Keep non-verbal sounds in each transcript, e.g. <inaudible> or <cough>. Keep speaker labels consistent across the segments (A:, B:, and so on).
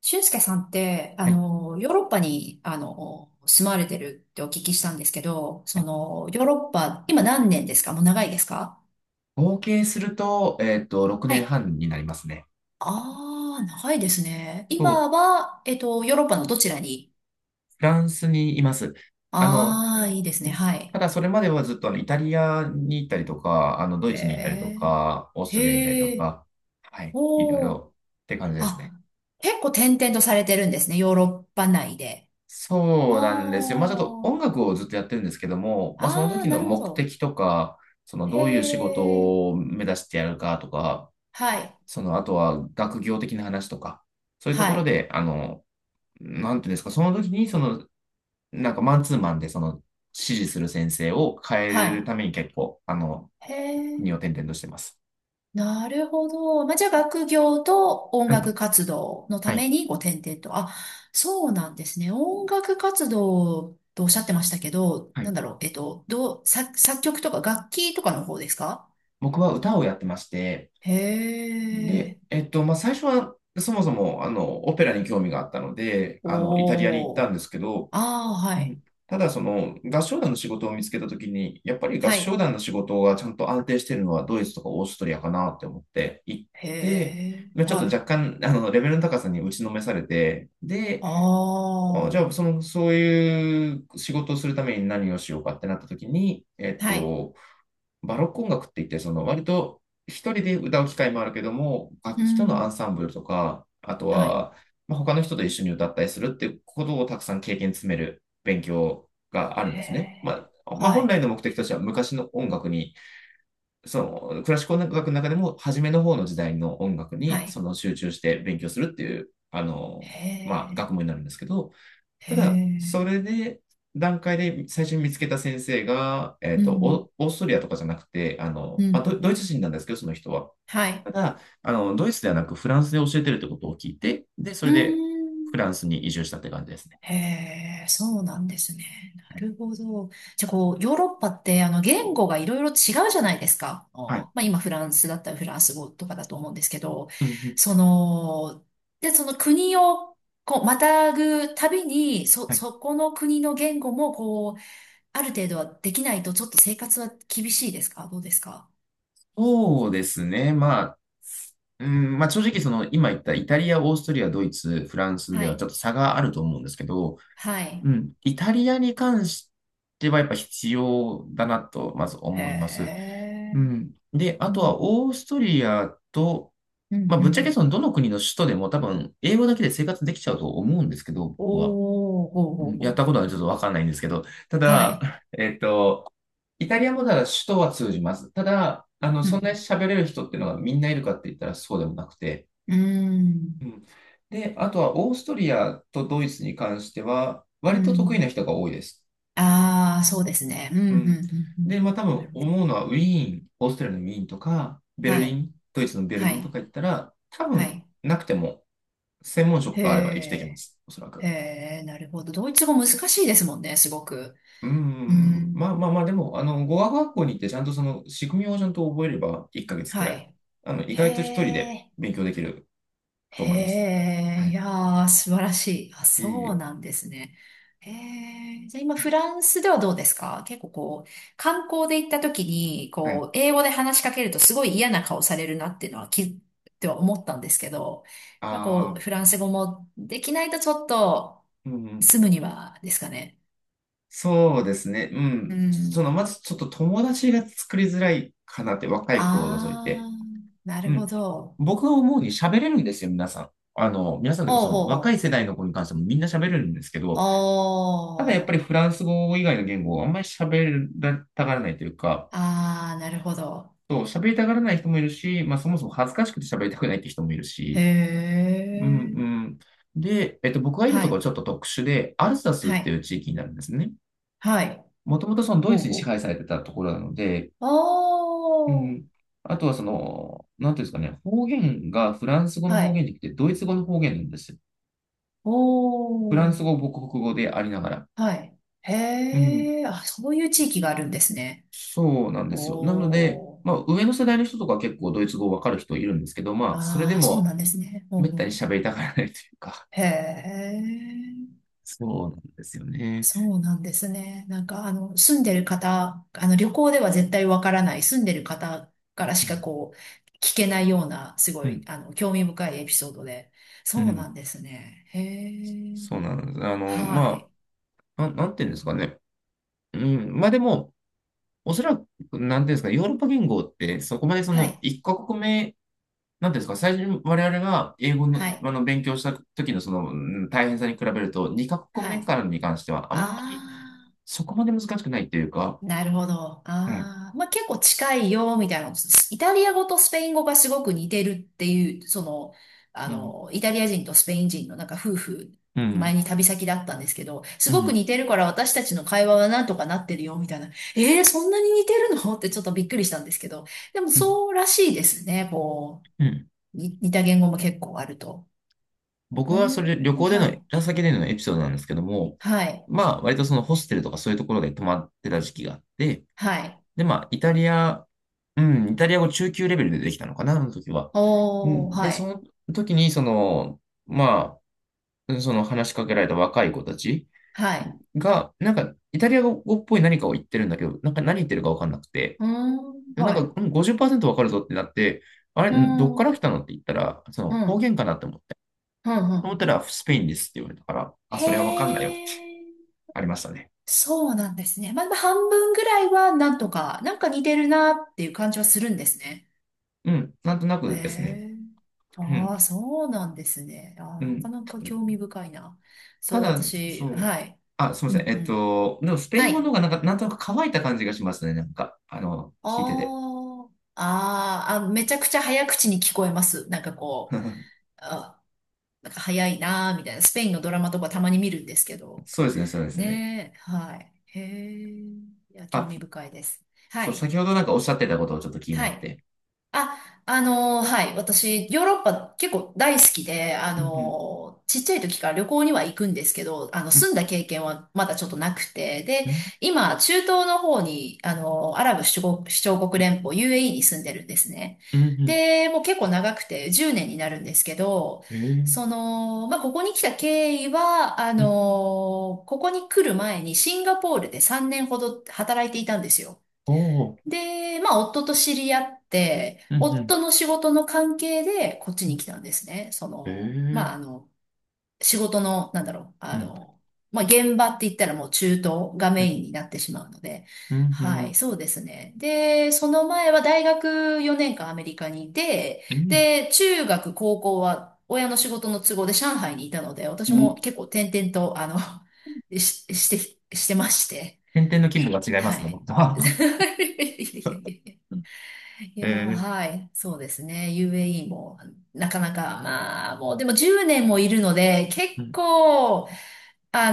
A: 俊介さんって、
B: はい
A: ヨーロッパに、住まれてるってお聞きしたんですけど、
B: はい
A: ヨーロッパ、今何年ですか？もう長いですか？
B: 合計すると、6
A: は
B: 年
A: い。
B: 半になりますね。
A: ああー、長いですね。
B: そう、
A: 今は、ヨーロッパのどちらに？
B: フランスにいます。あの、
A: ああー、いいですね。は
B: た
A: い。
B: だそれまではずっとイタリアに行ったりとか、ドイ
A: へ
B: ツに行ったりと
A: え、
B: か、オーストリアに行ったりと
A: へえ、
B: か、はい、いろい
A: おお、
B: ろって感じですね。
A: あ、結構転々とされてるんですね。ヨーロッパ内で。あ
B: そうなんですよ。まあちょっと音
A: あ、
B: 楽をずっとやってるんですけども、まあその
A: ああ、
B: 時
A: な
B: の
A: るほ
B: 目
A: ど。
B: 的とか、その
A: へ
B: どういう仕事
A: え、
B: を目指してやるかとか、
A: はい、
B: そのあとは学業的な話とか、そういうとこ
A: は
B: ろ
A: い、
B: で、あの、なんていうんですか、その時に、なんかマンツーマンで、指示する先生を変え
A: は
B: る
A: い。
B: ために結構、
A: へ
B: 国
A: え、
B: を転々としてます。
A: なるほど。まあ、じゃあ学業と音
B: はい。
A: 楽活動のた
B: はい。
A: めにご転々と。あ、そうなんですね。音楽活動とおっしゃってましたけど、
B: は
A: な
B: い。
A: んだろう、えっと、どう、作、作曲とか楽器とかの方ですか？
B: 僕は歌をやってまして、
A: へ
B: で、
A: え、
B: まあ、最初は、そもそも、オペラに興味があったので、イタリアに行った
A: お
B: ん
A: ー。
B: ですけど、
A: ああ、
B: う
A: はい。
B: ん。ただ、その合唱団の仕事を見つけたときに、やっぱり合
A: は
B: 唱
A: い。
B: 団の仕事がちゃんと安定しているのはドイツとかオーストリアかなって思って行っ
A: へ
B: て、
A: え、
B: まあちょっと
A: はい。
B: 若干レベルの高さに打ちのめされて、で、
A: あ
B: あじゃあ
A: あ、
B: その、そういう仕事をするために何をしようかってなったときに、
A: はい。
B: バロック音楽って言って、その割と一人で歌う機会もあるけども、楽
A: う
B: 器とのアン
A: ん、
B: サンブルとか、あと
A: はい。
B: は、まあ、他の人と一緒に歌ったりするっていうことをたくさん経験詰める勉強があるん
A: へ
B: ですね。ま
A: え、
B: あ、まあ、
A: は
B: 本
A: い。
B: 来の目的としては昔の音楽に、そのクラシック音楽の中でも初めの方の時代の音楽
A: は
B: にそ
A: い。
B: の集中して勉強するっていう、
A: へ
B: まあ、
A: え、
B: 学問になるんですけど、
A: へ
B: ただ、そ
A: え、
B: れで、段階で最初に見つけた先生が、
A: うん。
B: オオーストリアとかじゃなくて、あ
A: う
B: の、まあ、
A: ん。
B: ドイツ人なんですけど、その人は。
A: はい。
B: ただ、ドイツではなくフランスで教えてるってことを聞いて、で、そ
A: うー
B: れでフ
A: ん。
B: ランスに移住したって感じですね。
A: へえ、そうなんですね。な
B: はい。
A: るほど。じゃあ、こう、ヨーロッパって、言語がいろいろ違うじゃないですか。あ
B: はい。
A: ーまあ、今、フランスだったらフランス語とかだと思うんですけど、
B: うん。
A: その、で、その国を、こう、またぐたびに、
B: はい。
A: そこの国の言語も、こう、ある程度はできないと、ちょっと生活は厳しいですか？どうですか？
B: そうですね。まあ、うん、まあ正直その今言ったイタリア、オーストリア、ドイツ、フランス
A: は
B: ではちょっ
A: い。
B: と差があると思うんですけど、
A: はい。
B: うん、イタリアに関してはやっぱ必要だなとまず
A: へ
B: 思います。う
A: え。
B: ん。で、
A: う
B: あと
A: ん
B: はオーストリアと、
A: うん
B: まあ、
A: う
B: ぶっちゃ
A: ん。
B: けそのどの国の首都でも多分英語だけで生活できちゃうと思うんですけど、僕は。
A: おー、ほう
B: う
A: ほう
B: ん、やっ
A: ほ
B: たことはちょっとわかんないんですけど、た
A: う。は
B: だ、
A: い。
B: えっと、イタリアもただ首都は通じます。ただ、
A: う
B: そんなに
A: ん、
B: 喋れる人っていうのがみんないるかって言ったらそうでもなくて。
A: う
B: う
A: ん、
B: ん。で、あとはオーストリアとドイツに関しては、割
A: う
B: と得意
A: ん。
B: な人が多いです。
A: ああー、そうですね。うん、うん、う
B: うん。
A: ん、う
B: で、
A: ん。
B: まあ多
A: なる
B: 分
A: ほど。
B: 思うのはウィーン、オーストラリアのウィーンとか、ベル
A: は
B: リ
A: い、
B: ン、ドイツのベル
A: は
B: リンと
A: い、
B: か行ったら、多
A: は
B: 分
A: い。
B: なくても専門職
A: へ
B: があれば生きていけま
A: え、
B: す、おそら
A: へ
B: く。
A: え、なるほど。ドイツ語難しいですもんね、すごく。
B: う
A: う
B: ん、
A: ん、
B: まあ、でも、語学学校に行ってちゃんとその仕組みをちゃんと覚えれば1ヶ月くら
A: は
B: い、
A: い。
B: 意
A: へ
B: 外と一人で
A: え。
B: 勉強できると
A: へ
B: 思います。
A: え、
B: は
A: い
B: い。
A: やー、素晴らしい。あ、
B: いえい
A: そう
B: え。
A: なんですね。へえ、じゃあ今フランスではどうですか？結構こう、観光で行った時に、
B: はい。
A: こう、英語で話しかけるとすごい嫌な顔されるなっていうのはっては思ったんですけど、やっぱこ
B: あ
A: う、
B: あ、
A: フランス語もできないとちょっと
B: うん。
A: 住むにはですかね。
B: そうですね。う
A: う
B: ん。そ
A: ん。
B: の、まずちょっと友達が作りづらいかなって、若い子を除いて。
A: あー、な
B: う
A: るほ
B: ん。
A: ど。
B: 僕が思うに喋れるんですよ、皆さん。皆さんというか
A: お
B: そ
A: うほ
B: の
A: う
B: 若い
A: ほう。
B: 世代の子に関してもみんな喋れるんですけ
A: お
B: ど、ただやっぱりフ
A: ー、
B: ランス語以外の言語をあんまり喋りたがらないというか、
A: あー、なるほど。
B: そう、喋りたがらない人もいるし、まあそもそも恥ずかしくて喋りたくないって人もいる
A: へ
B: し、うん、
A: え。
B: うん。で、僕がいる
A: は
B: ところは
A: い、
B: ちょっと特殊で、アルサスっ
A: は
B: てい
A: い、
B: う地域になるんですね。
A: はい。
B: もともとそのドイツに
A: お
B: 支
A: う
B: 配されてたところなので、う
A: お
B: ん。
A: う。
B: あとはその、なんていうんですかね、方言がフランス語
A: ああ、
B: の
A: は
B: 方言
A: い。
B: じゃなくてドイツ語の方言なんですよ。
A: お
B: フラン
A: お、
B: ス語、母国語でありながら。
A: はい。
B: うん。
A: へえ、あ、そういう地域があるんですね。
B: そうなんですよ。な
A: お
B: ので、
A: お、
B: まあ、上の世代の人とかは結構ドイツ語わかる人いるんですけど、まあ、それで
A: ああ、そう
B: も、
A: なんですね。お
B: めっ
A: うお
B: た
A: う
B: に喋りたがらないというか、
A: へえ、
B: そうなんですよね。
A: そうなんですね。なんか、住んでる方、旅行では絶対わからない、住んでる方からし
B: う
A: か
B: ん、
A: こう、聞けないような、す
B: う
A: ごい、
B: ん、
A: 興味深いエピソードで。
B: う
A: そうな
B: ん。
A: んですね。へえ、
B: そうなんです。
A: はい。
B: なんていうんですかね。うん、まあでも、おそらく、なんていうんですか、ヨーロッパ言語って、そこまでそ
A: は
B: の、
A: い。
B: 一カ国目、なんていうんですか、最初に我々が英語の、
A: はい。
B: 勉強した時のその、うん、大変さに比べると、二カ国
A: は
B: 目
A: い。
B: からに関しては、あんまり
A: ああ、
B: そこまで難しくないっていうか、
A: なるほど。
B: はい。
A: ああ、まあ結構近いよ、みたいな。イタリア語とスペイン語がすごく似てるっていう、
B: うん。
A: イタリア人とスペイン人のなんか夫婦、
B: う
A: 前
B: ん。
A: に旅先だったんですけど、す
B: う
A: ごく
B: ん。
A: 似てるから私たちの会話はなんとかなってるよ、みたいな。えー、そんなに似てるのってちょっとびっくりしたんですけど、でも
B: うん。
A: そうらしいですね、
B: うん、
A: に似た言語も結構あると。
B: 僕
A: う
B: はそれ旅
A: ーん、
B: 行で
A: は
B: の、
A: い。
B: ラ先でのエピソードなんですけども、
A: はい。
B: まあ割とそのホステルとかそういうところで泊まってた時期があって、
A: はい。
B: で、イタリア語中級レベルでできたのかな、あの時は。う
A: おー、
B: ん。で、
A: は
B: そ
A: い。
B: の時にその、まあ、その話しかけられた若い子たち
A: はい。
B: が、なんかイタリア語っぽい何かを言ってるんだけど、なんか何言ってるかわかんなくて、
A: うーん、
B: で、なん
A: は
B: か、
A: い。
B: うん、50%わかるぞってなって、あれ、
A: うー
B: んどっ
A: ん、
B: か
A: うん、
B: ら来たのって言ったら、そ
A: う
B: の方
A: ん、
B: 言かなって思って。
A: う
B: と思っ
A: ん。
B: たら、スペインですって言われたから、あ、
A: へ
B: それはわかんないよって
A: え、
B: ありましたね。
A: そうなんですね。まあ、まあ半分ぐらいはなんとか、なんか似てるなっていう感じはするんですね。
B: うん、なんとな
A: へ
B: くですね。
A: え、
B: うん、
A: ああ、そうなんですね。ああ、
B: う
A: なか
B: ん。
A: なか興味深いな。
B: た
A: そう、
B: だ、
A: 私、
B: そう、
A: はい。
B: あ、すみ
A: う
B: ま
A: ん、
B: せん。
A: うん。
B: でもスペイ
A: は
B: ン語の方
A: い。
B: がなんか、なんとなく乾いた感じがしますね。なんか、聞いてて。
A: あーあー、あ、めちゃくちゃ早口に聞こえます。なんかこう、
B: <laughs>
A: あ、なんか早いなーみたいな。スペインのドラマとかたまに見るんですけど。
B: そうですね。
A: ねえ、はい。へえ、いや、興
B: あ、
A: 味深いです。は
B: そう、
A: い、
B: 先ほどなんかおっしゃってたことをちょっと気に
A: は
B: なっ
A: い。
B: て。
A: あ、はい。私、ヨーロッパ結構大好きで、
B: うん、うん、
A: ちっちゃい時から旅行には行くんですけど、
B: うん、
A: 住んだ経験はまだちょっとなくて、で、今、中東の方に、アラブ首長首長国連邦 UAE に住んでるんですね。
B: うん、うん、
A: で、もう結構長くて10年になるんですけど、
B: へえ、
A: その、まあ、ここに来た経緯は、
B: うん、
A: ここに来る前にシンガポールで3年ほど働いていたんですよ。
B: おお、
A: で、まあ、夫と知り合って、
B: うん、うん。
A: 夫の仕事の関係で、こっちに来たんですね。
B: ええー、
A: 仕事の、
B: うん、
A: まあ、現場って言ったらもう中東が
B: う
A: メ
B: ん、
A: インになってしまうので、
B: うん、う
A: は
B: ん、
A: い、そうですね。で、その前は大学4年間アメリカにいて、
B: うん。
A: で、中学、高校は親の仕事の都合で上海にいたので、私
B: う
A: も
B: ん。
A: 結構転々と、<laughs> してまして、
B: 点々の規模が違いま
A: は
B: すね、
A: い。
B: 僕と
A: <laughs> い
B: は。
A: やいやいやいやー、
B: <laughs> ええ、
A: はい。そうですね。UAE も、なかなか、まあ、もう、でも10年もいるので、
B: う
A: 結
B: ん、
A: 構、あ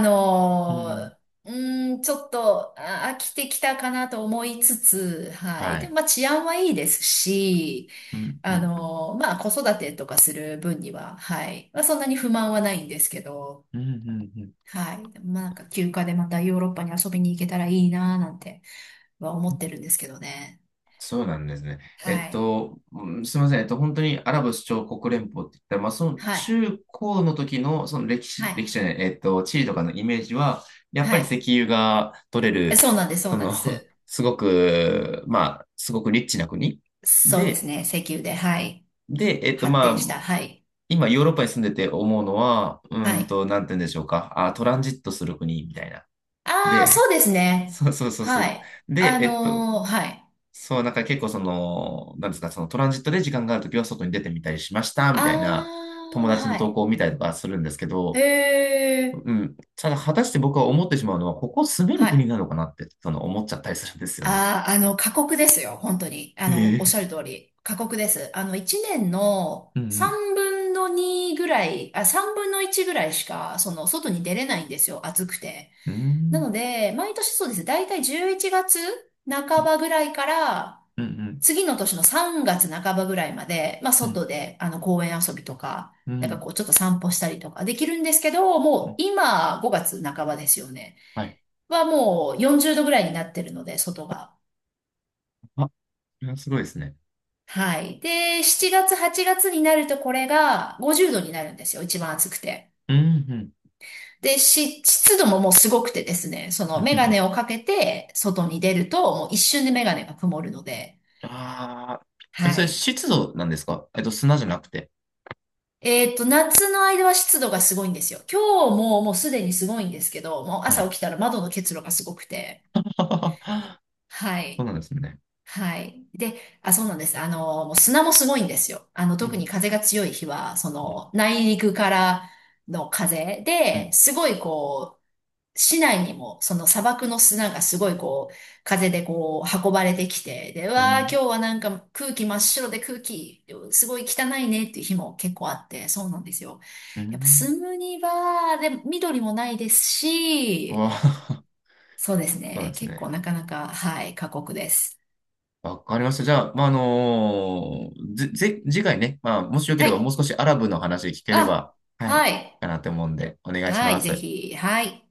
B: う
A: の
B: ん、
A: ー、うちょっと、飽きてきたかなと思いつつ、は
B: は
A: い。でも、
B: い。
A: まあ、治安はいいですし、
B: うん、うん、
A: まあ、子育てとかする分には、はい。まあ、そんなに不満はないんですけど、
B: うん、うん、うん。
A: はい。でもまあ、なんか、休暇でまたヨーロッパに遊びに行けたらいいなーなんては思ってるんですけどね。
B: そうなんですね。
A: はい。
B: すみません。本当にアラブ首長国連邦って言ったら、まあ、その
A: はい。
B: 中高の時の、その歴
A: は
B: 史、歴
A: い。
B: 史じゃない、えっと、地理とかのイメージは、やっ
A: は
B: ぱり石
A: い。
B: 油が取れる、
A: そうなんです、そ
B: そ
A: うなんで
B: の、
A: す。
B: <laughs> すごくリッチな国
A: そうで
B: で、
A: すね、石油で、はい。
B: で、
A: 発
B: ま
A: 展し
B: あ、
A: た、はい。
B: 今、ヨーロッパに住んでて思うのは、うー
A: は
B: ん
A: い。
B: と、なんて言うんでしょうか。あ、トランジットする国みたいな。
A: ああ、そ
B: で、
A: うですね。
B: そうそうそうそ
A: は
B: う。
A: い。
B: で、
A: はい。
B: そう、なんか結構その、なんですか、そのトランジットで時間があるときは外に出てみたりしました、み
A: あ
B: たいな友
A: あ、
B: 達の
A: は
B: 投
A: い。
B: 稿を見たりとかするんですけ
A: へ
B: ど、
A: え、
B: うん。ただ、果たして僕は思ってしまうのは、ここ住める
A: は
B: 国
A: い。
B: なのかなって、その思っちゃったりするんですよね。
A: ああ、過酷ですよ、本当に。
B: へ
A: おっし
B: え。
A: ゃる通り。過酷です。1年の
B: うん。
A: 3分の2ぐらい、あ、3分の1ぐらいしか、外に出れないんですよ、暑くて。
B: うん。うー
A: な
B: ん。
A: ので、毎年そうです。だいたい11月半ばぐらいから、
B: うん。うん。
A: 次の年の3月半ばぐらいまで、まあ
B: うん。
A: 外で、あの公園遊びとか、
B: う
A: なんか
B: ん。
A: こうちょっと散歩したりとかできるんですけど、
B: う
A: もう
B: ん。
A: 今5月半ばですよね。
B: はい。
A: はもう40度ぐらいになってるので、外が。
B: あ、それはすごいですね。
A: はい。で、7月、8月になるとこれが50度になるんですよ。一番暑くて。
B: うん。
A: で、湿度ももうすごくてですね、その
B: う
A: メガ
B: ん。
A: ネをかけて外に出ると、もう一瞬でメガネが曇るので、
B: ああ、え、
A: は
B: それ
A: い。
B: 湿度なんですか、えっと、砂じゃなくて。
A: 夏の間は湿度がすごいんですよ。今日ももうすでにすごいんですけど、もう
B: は
A: 朝
B: い。
A: 起きたら窓の結露がすごくて。
B: <laughs>
A: は
B: そう
A: い。
B: なんですね。
A: はい。で、あ、そうなんです。もう砂もすごいんですよ。
B: う
A: 特に
B: ん、
A: 風が強い日は、そ
B: うん、
A: の、内陸からの風で、すごいこ市内にもその砂漠の砂がすごいこう風でこう運ばれてきて、で、う
B: う
A: わー今日
B: ん、
A: はなんか空気真っ白で空気すごい汚いねっていう日も結構あって、そうなんですよ。
B: う
A: やっぱ
B: ん。
A: 住むには、で、緑もないですし、
B: わあ、
A: そうです
B: <laughs> そうなん
A: ね。
B: です
A: 結構
B: ね。
A: なかなか、はい、過酷です。
B: わかりました。じゃあ、まあ、あのー、次回ね、まあ、もしよけ
A: は
B: ればも
A: い。
B: う少しアラブの話聞けれ
A: あ、
B: ば、はい、
A: はい。
B: かなと思うんで、お願いし
A: は
B: ま
A: い、ぜ
B: す。
A: ひ、はい。